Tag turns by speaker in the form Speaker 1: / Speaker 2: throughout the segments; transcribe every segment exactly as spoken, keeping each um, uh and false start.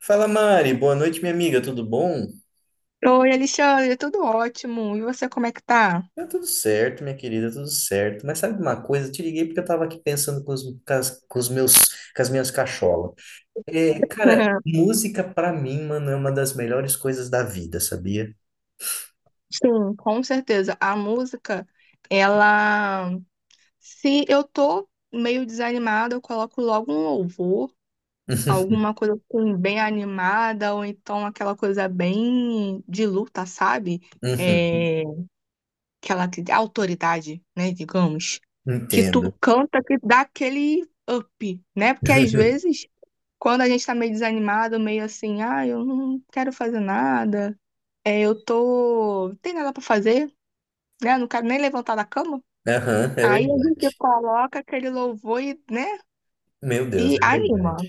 Speaker 1: Fala Mari, boa noite minha amiga, tudo bom?
Speaker 2: Oi, Alexandre, tudo ótimo. E você, como é que tá?
Speaker 1: Tá tudo certo, minha querida, tudo certo. Mas sabe uma coisa? Eu te liguei porque eu tava aqui pensando com os, com as, com os meus, com as minhas cacholas. É, cara, música pra mim, mano, é uma das melhores coisas da vida, sabia?
Speaker 2: Sim, com certeza. A música, ela. Se eu tô meio desanimada, eu coloco logo um louvor, alguma coisa assim, bem animada, ou então aquela coisa bem de luta, sabe?
Speaker 1: Uhum,
Speaker 2: É... Aquela que- autoridade, né, digamos. Que tu
Speaker 1: entendo.
Speaker 2: canta, que dá aquele up, né? Porque às vezes, quando a gente tá meio desanimado, meio assim, ah, eu não quero fazer nada. É, eu tô. Não tem nada pra fazer, né? Não quero nem levantar da cama.
Speaker 1: Aham, é
Speaker 2: Aí a gente
Speaker 1: verdade.
Speaker 2: coloca aquele louvor e, né?
Speaker 1: Meu Deus,
Speaker 2: E
Speaker 1: é verdade.
Speaker 2: anima.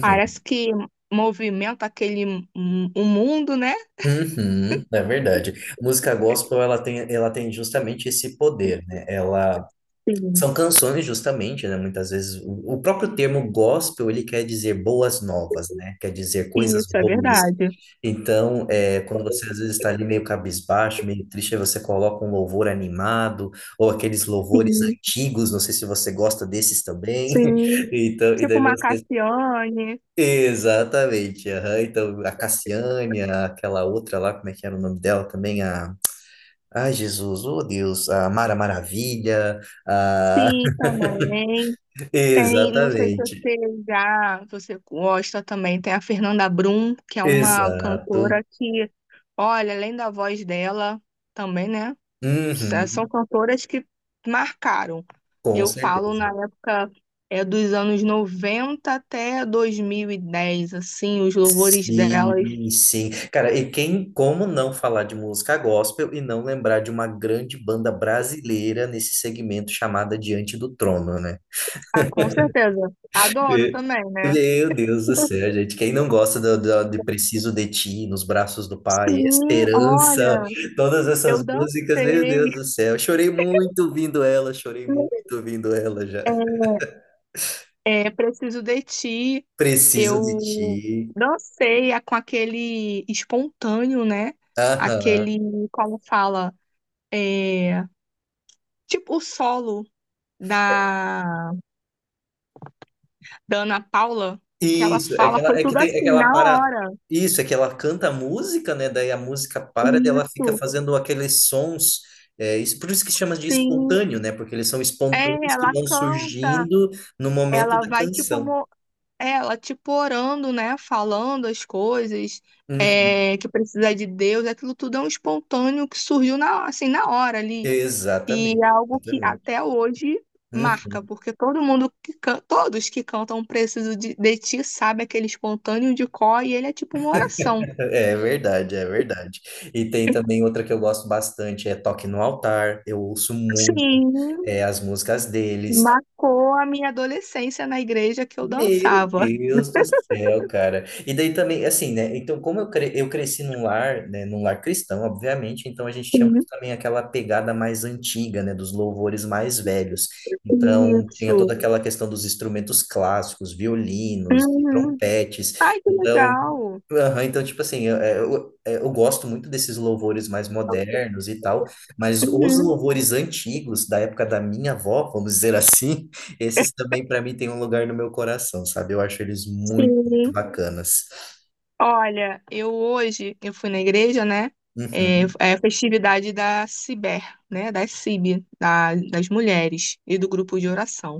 Speaker 2: Parece que movimenta aquele m- o mundo, né?
Speaker 1: uhum, é verdade. Música gospel, ela tem, ela tem justamente esse poder, né? Ela
Speaker 2: Sim.
Speaker 1: são canções justamente, né? Muitas vezes o o próprio termo gospel ele quer dizer boas novas, né? Quer dizer coisas
Speaker 2: Isso é
Speaker 1: boas.
Speaker 2: verdade.
Speaker 1: Então, é, quando você às vezes está ali meio cabisbaixo, meio triste, aí você coloca um louvor animado ou aqueles louvores
Speaker 2: Sim,
Speaker 1: antigos. Não sei se você gosta desses também.
Speaker 2: sim.
Speaker 1: Então, e
Speaker 2: Tipo
Speaker 1: daí
Speaker 2: uma
Speaker 1: você
Speaker 2: Cassiane.
Speaker 1: exatamente. Aham. Então, a Cassiane, aquela outra lá, como é que era o nome dela também? A, ai, Jesus, oh Deus, a Mara Maravilha. A
Speaker 2: Sim, também. Tem, não sei se
Speaker 1: exatamente.
Speaker 2: você já, se você gosta também, tem a Fernanda Brum, que é uma
Speaker 1: Exato.
Speaker 2: cantora que, olha, além da voz dela, também, né? sa- São
Speaker 1: Uhum.
Speaker 2: cantoras que marcaram.
Speaker 1: Com
Speaker 2: Eu falo
Speaker 1: certeza.
Speaker 2: na época é dos anos noventa até dois mil e dez, assim, os louvores delas.
Speaker 1: Sim, sim. Cara, e quem, como não falar de música gospel e não lembrar de uma grande banda brasileira nesse segmento chamada Diante do Trono, né?
Speaker 2: Ah, com certeza. Adoro
Speaker 1: É.
Speaker 2: também, né?
Speaker 1: Meu Deus do céu, gente. Quem não gosta do, do- de Preciso de Ti, Nos Braços do Pai,
Speaker 2: Sim,
Speaker 1: Esperança,
Speaker 2: olha,
Speaker 1: todas
Speaker 2: eu
Speaker 1: essas músicas, meu
Speaker 2: dancei.
Speaker 1: Deus do céu. Chorei muito ouvindo ela, chorei muito ouvindo ela já.
Speaker 2: É, Preciso de Ti.
Speaker 1: Preciso de
Speaker 2: Eu
Speaker 1: Ti.
Speaker 2: dancei a- com aquele espontâneo, né?
Speaker 1: Aham.
Speaker 2: Aquele, como fala, é, tipo o solo da da Ana Paula, o que ela
Speaker 1: Isso, é que
Speaker 2: fala
Speaker 1: ela,
Speaker 2: foi
Speaker 1: é que
Speaker 2: tudo
Speaker 1: tem, é que
Speaker 2: assim,
Speaker 1: ela
Speaker 2: na
Speaker 1: para.
Speaker 2: hora.
Speaker 1: Isso, é que ela canta a música, né? Daí a música para e ela fica
Speaker 2: Isso,
Speaker 1: fazendo aqueles sons. É, isso, por isso que chama de
Speaker 2: sim.
Speaker 1: espontâneo, né? Porque eles são
Speaker 2: É,
Speaker 1: espontâneos que
Speaker 2: ela
Speaker 1: vão
Speaker 2: canta,
Speaker 1: surgindo no momento
Speaker 2: ela
Speaker 1: da
Speaker 2: vai tipo,
Speaker 1: canção.
Speaker 2: mo- é, ela tipo orando, né? Falando as coisas,
Speaker 1: Uhum.
Speaker 2: é, que precisa de Deus, aquilo tudo é um espontâneo que surgiu na, assim, na hora ali. E é
Speaker 1: Exatamente,
Speaker 2: algo que
Speaker 1: exatamente.
Speaker 2: até hoje marca,
Speaker 1: Uhum.
Speaker 2: porque todo mundo que can- todos que cantam Preciso de, de Ti sabe aquele espontâneo de cor e ele é tipo uma oração.
Speaker 1: É é verdade, é verdade. E tem também outra que eu gosto bastante, é Toque no Altar. Eu ouço muito
Speaker 2: Sim.
Speaker 1: é, as músicas deles.
Speaker 2: Marcou a minha adolescência na igreja que eu
Speaker 1: Meu
Speaker 2: dançava.
Speaker 1: Deus do céu, cara. E daí também, assim, né? Então, como eu, cre eu cresci num lar, né? Num lar cristão, obviamente, então a gente tinha muito também aquela pegada mais antiga, né? Dos louvores mais velhos.
Speaker 2: Sim,
Speaker 1: Então, tinha toda
Speaker 2: isso.
Speaker 1: aquela questão dos instrumentos clássicos, violinos,
Speaker 2: Uhum.
Speaker 1: trompetes.
Speaker 2: Ai, que
Speaker 1: Então,
Speaker 2: legal.
Speaker 1: aham, então tipo assim, eu, eu, eu gosto muito desses louvores mais modernos e tal, mas os
Speaker 2: Uhum,
Speaker 1: louvores antigos, da época da minha avó, vamos dizer assim. Esses também, para mim, têm um lugar no meu coração, sabe? Eu acho eles muito, muito
Speaker 2: sim.
Speaker 1: bacanas.
Speaker 2: Olha, eu hoje, eu fui na igreja, né? É,
Speaker 1: Uhum.
Speaker 2: é a festividade da Ciber, né? Da C I B, da- das mulheres e do grupo de oração.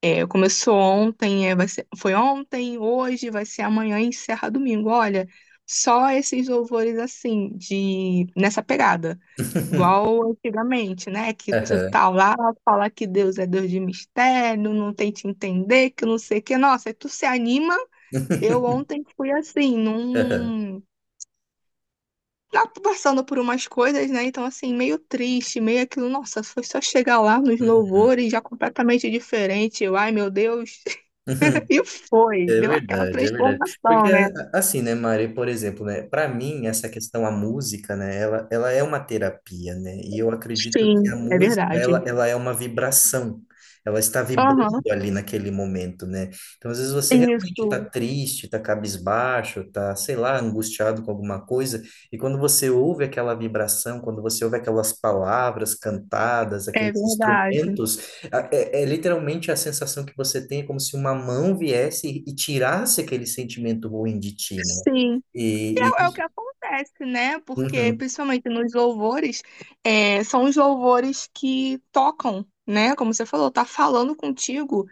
Speaker 2: É, começou ontem, é, vai ser, foi ontem, hoje, vai ser amanhã e encerra domingo. Olha, só esses louvores assim, de, nessa pegada. Igual antigamente, né? Que tu
Speaker 1: Aham.
Speaker 2: tá lá, fala que Deus é Deus de mistério, não tem te entender, que não sei o que. Nossa, aí tu se anima. Eu ontem fui assim,
Speaker 1: Aham.
Speaker 2: num. Lá Passando por umas coisas, né? Então, assim, meio triste, meio aquilo. Nossa, foi só chegar lá nos
Speaker 1: Uhum.
Speaker 2: louvores, já completamente diferente. Eu, ai, meu Deus.
Speaker 1: Uhum.
Speaker 2: E foi.
Speaker 1: É
Speaker 2: Deu aquela
Speaker 1: verdade, é verdade. Porque,
Speaker 2: transformação, né?
Speaker 1: a- assim, né, Mari, por exemplo, né, para mim, essa questão, a música, né, ela, ela é uma terapia, né, e eu acredito que
Speaker 2: Sim,
Speaker 1: a
Speaker 2: é
Speaker 1: música, ela,
Speaker 2: verdade.
Speaker 1: ela é uma vibração, ela está vibrando
Speaker 2: Aham,
Speaker 1: ali naquele momento, né, então às vezes você realmente está
Speaker 2: isso.
Speaker 1: triste, está cabisbaixo, está, sei lá, angustiado com alguma coisa, e quando você ouve aquela vibração, quando você ouve aquelas palavras cantadas,
Speaker 2: É
Speaker 1: aqueles
Speaker 2: verdade.
Speaker 1: instrumentos, é, é literalmente a sensação que você tem, é como se uma mão viesse e, e tirasse aquele sentimento ruim de ti, né?
Speaker 2: Sim. E
Speaker 1: E,
Speaker 2: É, é o que
Speaker 1: e-
Speaker 2: acontece, né? Porque,
Speaker 1: uhum,
Speaker 2: principalmente nos louvores, é, são os louvores que tocam, né? Como você falou, tá falando contigo,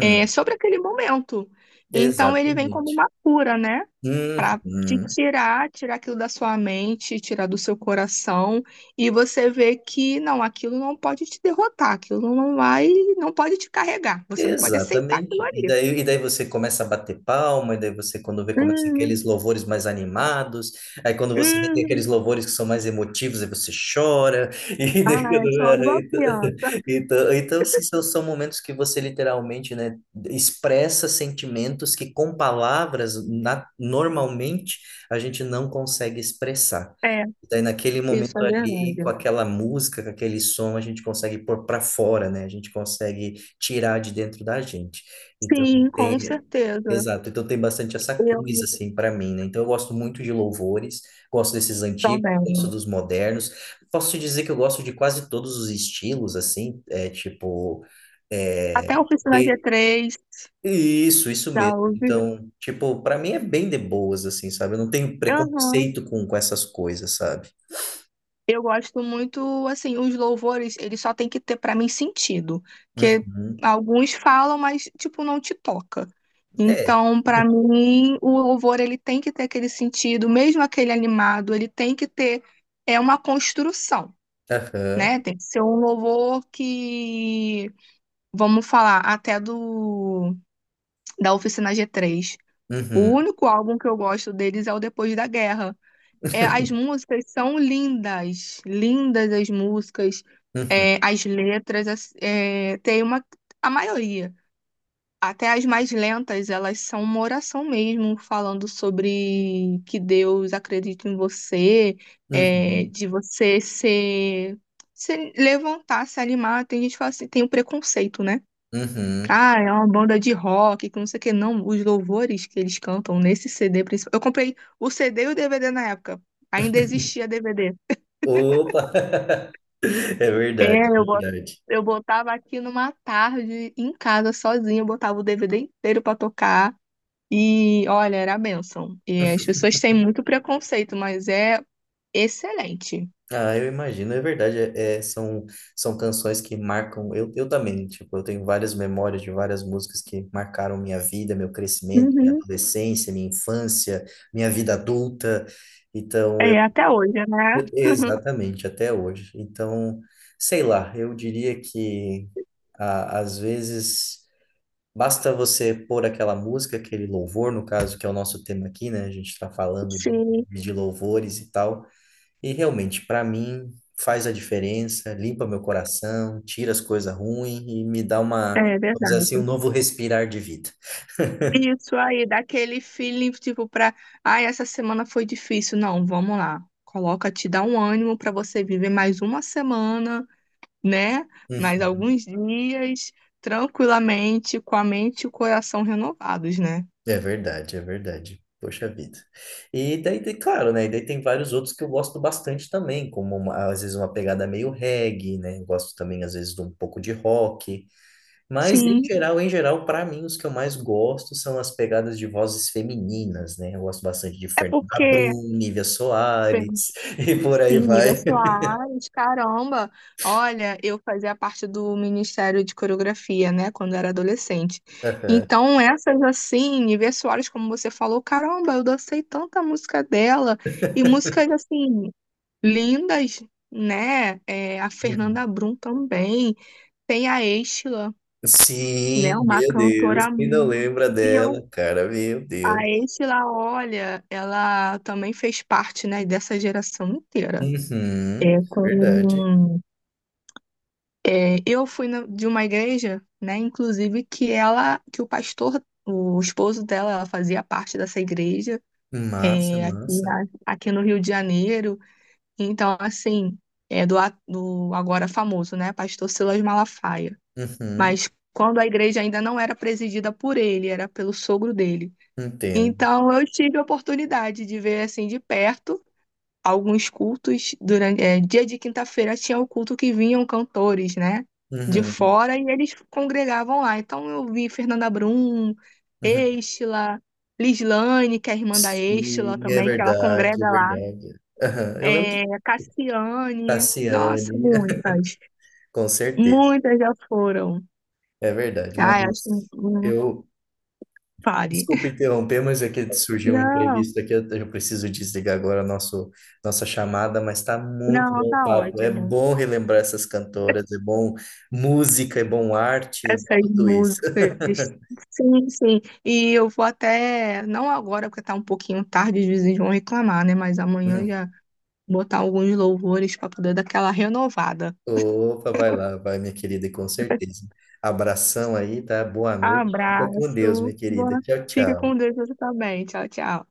Speaker 2: é, sobre aquele momento. Então, ele vem como
Speaker 1: exatamente.
Speaker 2: uma cura, né? Pra te
Speaker 1: Uhum.
Speaker 2: tirar, tirar aquilo da sua mente, tirar do seu coração. E você vê que, não, aquilo não pode te derrotar, aquilo não vai, não pode te carregar. Você não pode aceitar aquilo
Speaker 1: Exatamente. E
Speaker 2: ali.
Speaker 1: daí, e daí você começa a bater palma, e daí você, quando vê, começa
Speaker 2: Hum,
Speaker 1: aqueles louvores mais animados, aí quando você vê, tem aqueles
Speaker 2: hum.
Speaker 1: louvores que são mais emotivos, aí você chora, e daí,
Speaker 2: Ah,
Speaker 1: quando...
Speaker 2: eu choro igual criança.
Speaker 1: então, então, então, assim, são, são momentos que você literalmente, né, expressa sentimentos que com palavras, na- normalmente, a gente não consegue expressar.
Speaker 2: É.
Speaker 1: Daí naquele
Speaker 2: Isso
Speaker 1: momento
Speaker 2: é
Speaker 1: ali, com
Speaker 2: verdade.
Speaker 1: aquela música, com aquele som, a gente consegue pôr para fora, né? A gente consegue tirar de dentro da gente. Então,
Speaker 2: Sim, com
Speaker 1: tem,
Speaker 2: certeza.
Speaker 1: exato. Então, tem bastante essa
Speaker 2: Eu
Speaker 1: coisa, assim, para mim, né? Então, eu gosto muito de louvores, gosto desses antigos, gosto
Speaker 2: também.
Speaker 1: dos modernos. Posso te dizer que eu gosto de quase todos os estilos, assim, é tipo. É,
Speaker 2: Até a Oficina g
Speaker 1: tem-
Speaker 2: três
Speaker 1: isso, isso
Speaker 2: já
Speaker 1: mesmo.
Speaker 2: ouviu?
Speaker 1: Então, tipo, para mim é bem de boas, assim, sabe? Eu não tenho
Speaker 2: Aham.
Speaker 1: preconceito com, com essas coisas, sabe?
Speaker 2: Eu gosto muito, assim, os louvores, eles só tem que ter pra mim sentido, que
Speaker 1: Uhum.
Speaker 2: alguns falam, mas tipo não te toca.
Speaker 1: É.
Speaker 2: Então, pra mim, o louvor ele tem que ter aquele sentido, mesmo aquele animado, ele tem que ter é uma construção,
Speaker 1: Aham.
Speaker 2: né? Tem que ser um louvor que, vamos falar, até do da Oficina G três. O
Speaker 1: Uhum.
Speaker 2: único álbum que eu gosto deles é o Depois da Guerra. É, as músicas são lindas, lindas as músicas,
Speaker 1: Uhum.
Speaker 2: é, as letras, as- é, tem uma, a maioria. Até as mais lentas, elas são uma oração mesmo, falando sobre que Deus acredita em você, é,
Speaker 1: Uhum.
Speaker 2: de você ser, se levantar, se animar. Tem gente que fala assim, tem o preconceito, né?
Speaker 1: Uhum.
Speaker 2: Ah, é uma banda de rock, que não sei o que, não. Os louvores que eles cantam nesse C D principal. Eu comprei o C D e o D V D na época. Ainda existia D V D.
Speaker 1: Opa! É verdade,
Speaker 2: É, eu
Speaker 1: é
Speaker 2: bot-
Speaker 1: verdade.
Speaker 2: eu botava aqui numa tarde em casa sozinha, eu botava o D V D inteiro pra tocar. E olha, era a bênção. E as pessoas têm muito preconceito, mas é excelente.
Speaker 1: Ah, eu imagino, é verdade. É, é- são, são canções que marcam. Eu, eu também, tipo, eu tenho várias memórias de várias músicas que marcaram minha vida, meu crescimento, minha
Speaker 2: Uhum.
Speaker 1: adolescência, minha infância, minha vida adulta. Então, eu.
Speaker 2: É, até hoje, né?
Speaker 1: e- Exatamente, até hoje. Então, sei lá, eu diria que ah, às vezes. Basta você pôr aquela música, aquele louvor, no caso, que é o nosso tema aqui, né? A gente está falando de,
Speaker 2: Sim,
Speaker 1: de louvores e tal. E realmente, para mim, faz a diferença, limpa meu coração, tira as coisas ruins e me dá uma,
Speaker 2: é
Speaker 1: vamos dizer
Speaker 2: verdade.
Speaker 1: assim, um novo respirar de vida.
Speaker 2: Isso aí, dá aquele feeling, tipo, pra. Ai, essa semana foi difícil. Não, vamos lá. Coloca, te dá um ânimo pra você viver mais uma semana, né? Mais
Speaker 1: Uhum.
Speaker 2: alguns dias, tranquilamente, com a mente e o coração renovados, né?
Speaker 1: É verdade, é verdade. Poxa vida. E daí, tem- claro, né? E daí tem vários outros que eu gosto bastante também, como uma- às vezes uma pegada meio reggae, né? Eu gosto também, às vezes, de um pouco de rock. Mas, em
Speaker 2: Sim.
Speaker 1: geral, em geral, para mim, os que eu mais gosto são as pegadas de vozes femininas, né? Eu gosto bastante de
Speaker 2: É
Speaker 1: Fernanda
Speaker 2: porque.
Speaker 1: Brum, Nívia Soares, e por aí
Speaker 2: Sim,
Speaker 1: vai.
Speaker 2: Ida Soares, caramba! Olha, eu fazia parte do Ministério de Coreografia, né, quando era adolescente.
Speaker 1: Aham.
Speaker 2: Então, essas assim, Ivete Soares, como você falou, caramba, eu dancei tanta música dela, e músicas assim, lindas, né? É, a
Speaker 1: Uhum.
Speaker 2: Fernanda Brum também, tem a Estela,
Speaker 1: Sim,
Speaker 2: né, uma
Speaker 1: meu Deus,
Speaker 2: cantora.
Speaker 1: quem não
Speaker 2: mu-
Speaker 1: lembra
Speaker 2: E eu,
Speaker 1: dela, cara, meu Deus.
Speaker 2: a Estela, olha, ela também fez parte, né, dessa geração inteira.
Speaker 1: Uhum,
Speaker 2: É
Speaker 1: verdade.
Speaker 2: com É, eu fui na- de uma igreja, né, inclusive que ela, que o pastor, o esposo dela, ela fazia parte dessa igreja,
Speaker 1: Massa,
Speaker 2: é, aqui,
Speaker 1: massa.
Speaker 2: na- aqui no Rio de Janeiro. Então, assim, é do, a- do agora famoso, né, pastor Silas Malafaia.
Speaker 1: Uhum,
Speaker 2: Mas quando a igreja ainda não era presidida por ele, era pelo sogro dele.
Speaker 1: entendo.
Speaker 2: Então, eu tive a oportunidade de ver assim de perto alguns cultos durante é, dia de quinta-feira tinha o culto que vinham cantores, né, de
Speaker 1: Uhum,
Speaker 2: fora e eles congregavam lá. Então eu vi Fernanda Brum,
Speaker 1: uhum.
Speaker 2: Estela, Lislane, que é a irmã da Estela
Speaker 1: Sim, é
Speaker 2: também, que ela
Speaker 1: verdade, é
Speaker 2: congrega lá.
Speaker 1: verdade. Aham, eu lembro de
Speaker 2: É, Cassiane, nossa,
Speaker 1: Cassiane,
Speaker 2: muitas,
Speaker 1: com certeza.
Speaker 2: muitas já foram.
Speaker 1: É verdade, mas
Speaker 2: Ai, acho que não
Speaker 1: eu,
Speaker 2: pare.
Speaker 1: desculpa interromper, mas é que surgiu um
Speaker 2: Não,
Speaker 1: imprevisto aqui, eu eu preciso desligar agora nosso, nossa chamada, mas tá muito
Speaker 2: não,
Speaker 1: bom o
Speaker 2: tá
Speaker 1: papo. É
Speaker 2: ótimo.
Speaker 1: bom relembrar essas cantoras, é bom música, é bom arte, é
Speaker 2: Essas
Speaker 1: tudo isso.
Speaker 2: músicas. Sim, sim. E eu vou até, não agora, porque tá um pouquinho tarde, os vizinhos vão reclamar, né? Mas amanhã eu
Speaker 1: Hum.
Speaker 2: já botar alguns louvores para poder dar aquela renovada.
Speaker 1: Opa, vai lá, vai, minha querida, e com certeza. Abração aí, tá? Boa noite. Fica com Deus, minha
Speaker 2: Abraço.
Speaker 1: querida.
Speaker 2: Boa.
Speaker 1: Tchau,
Speaker 2: Fica com
Speaker 1: tchau.
Speaker 2: Deus você também. Tchau, tchau.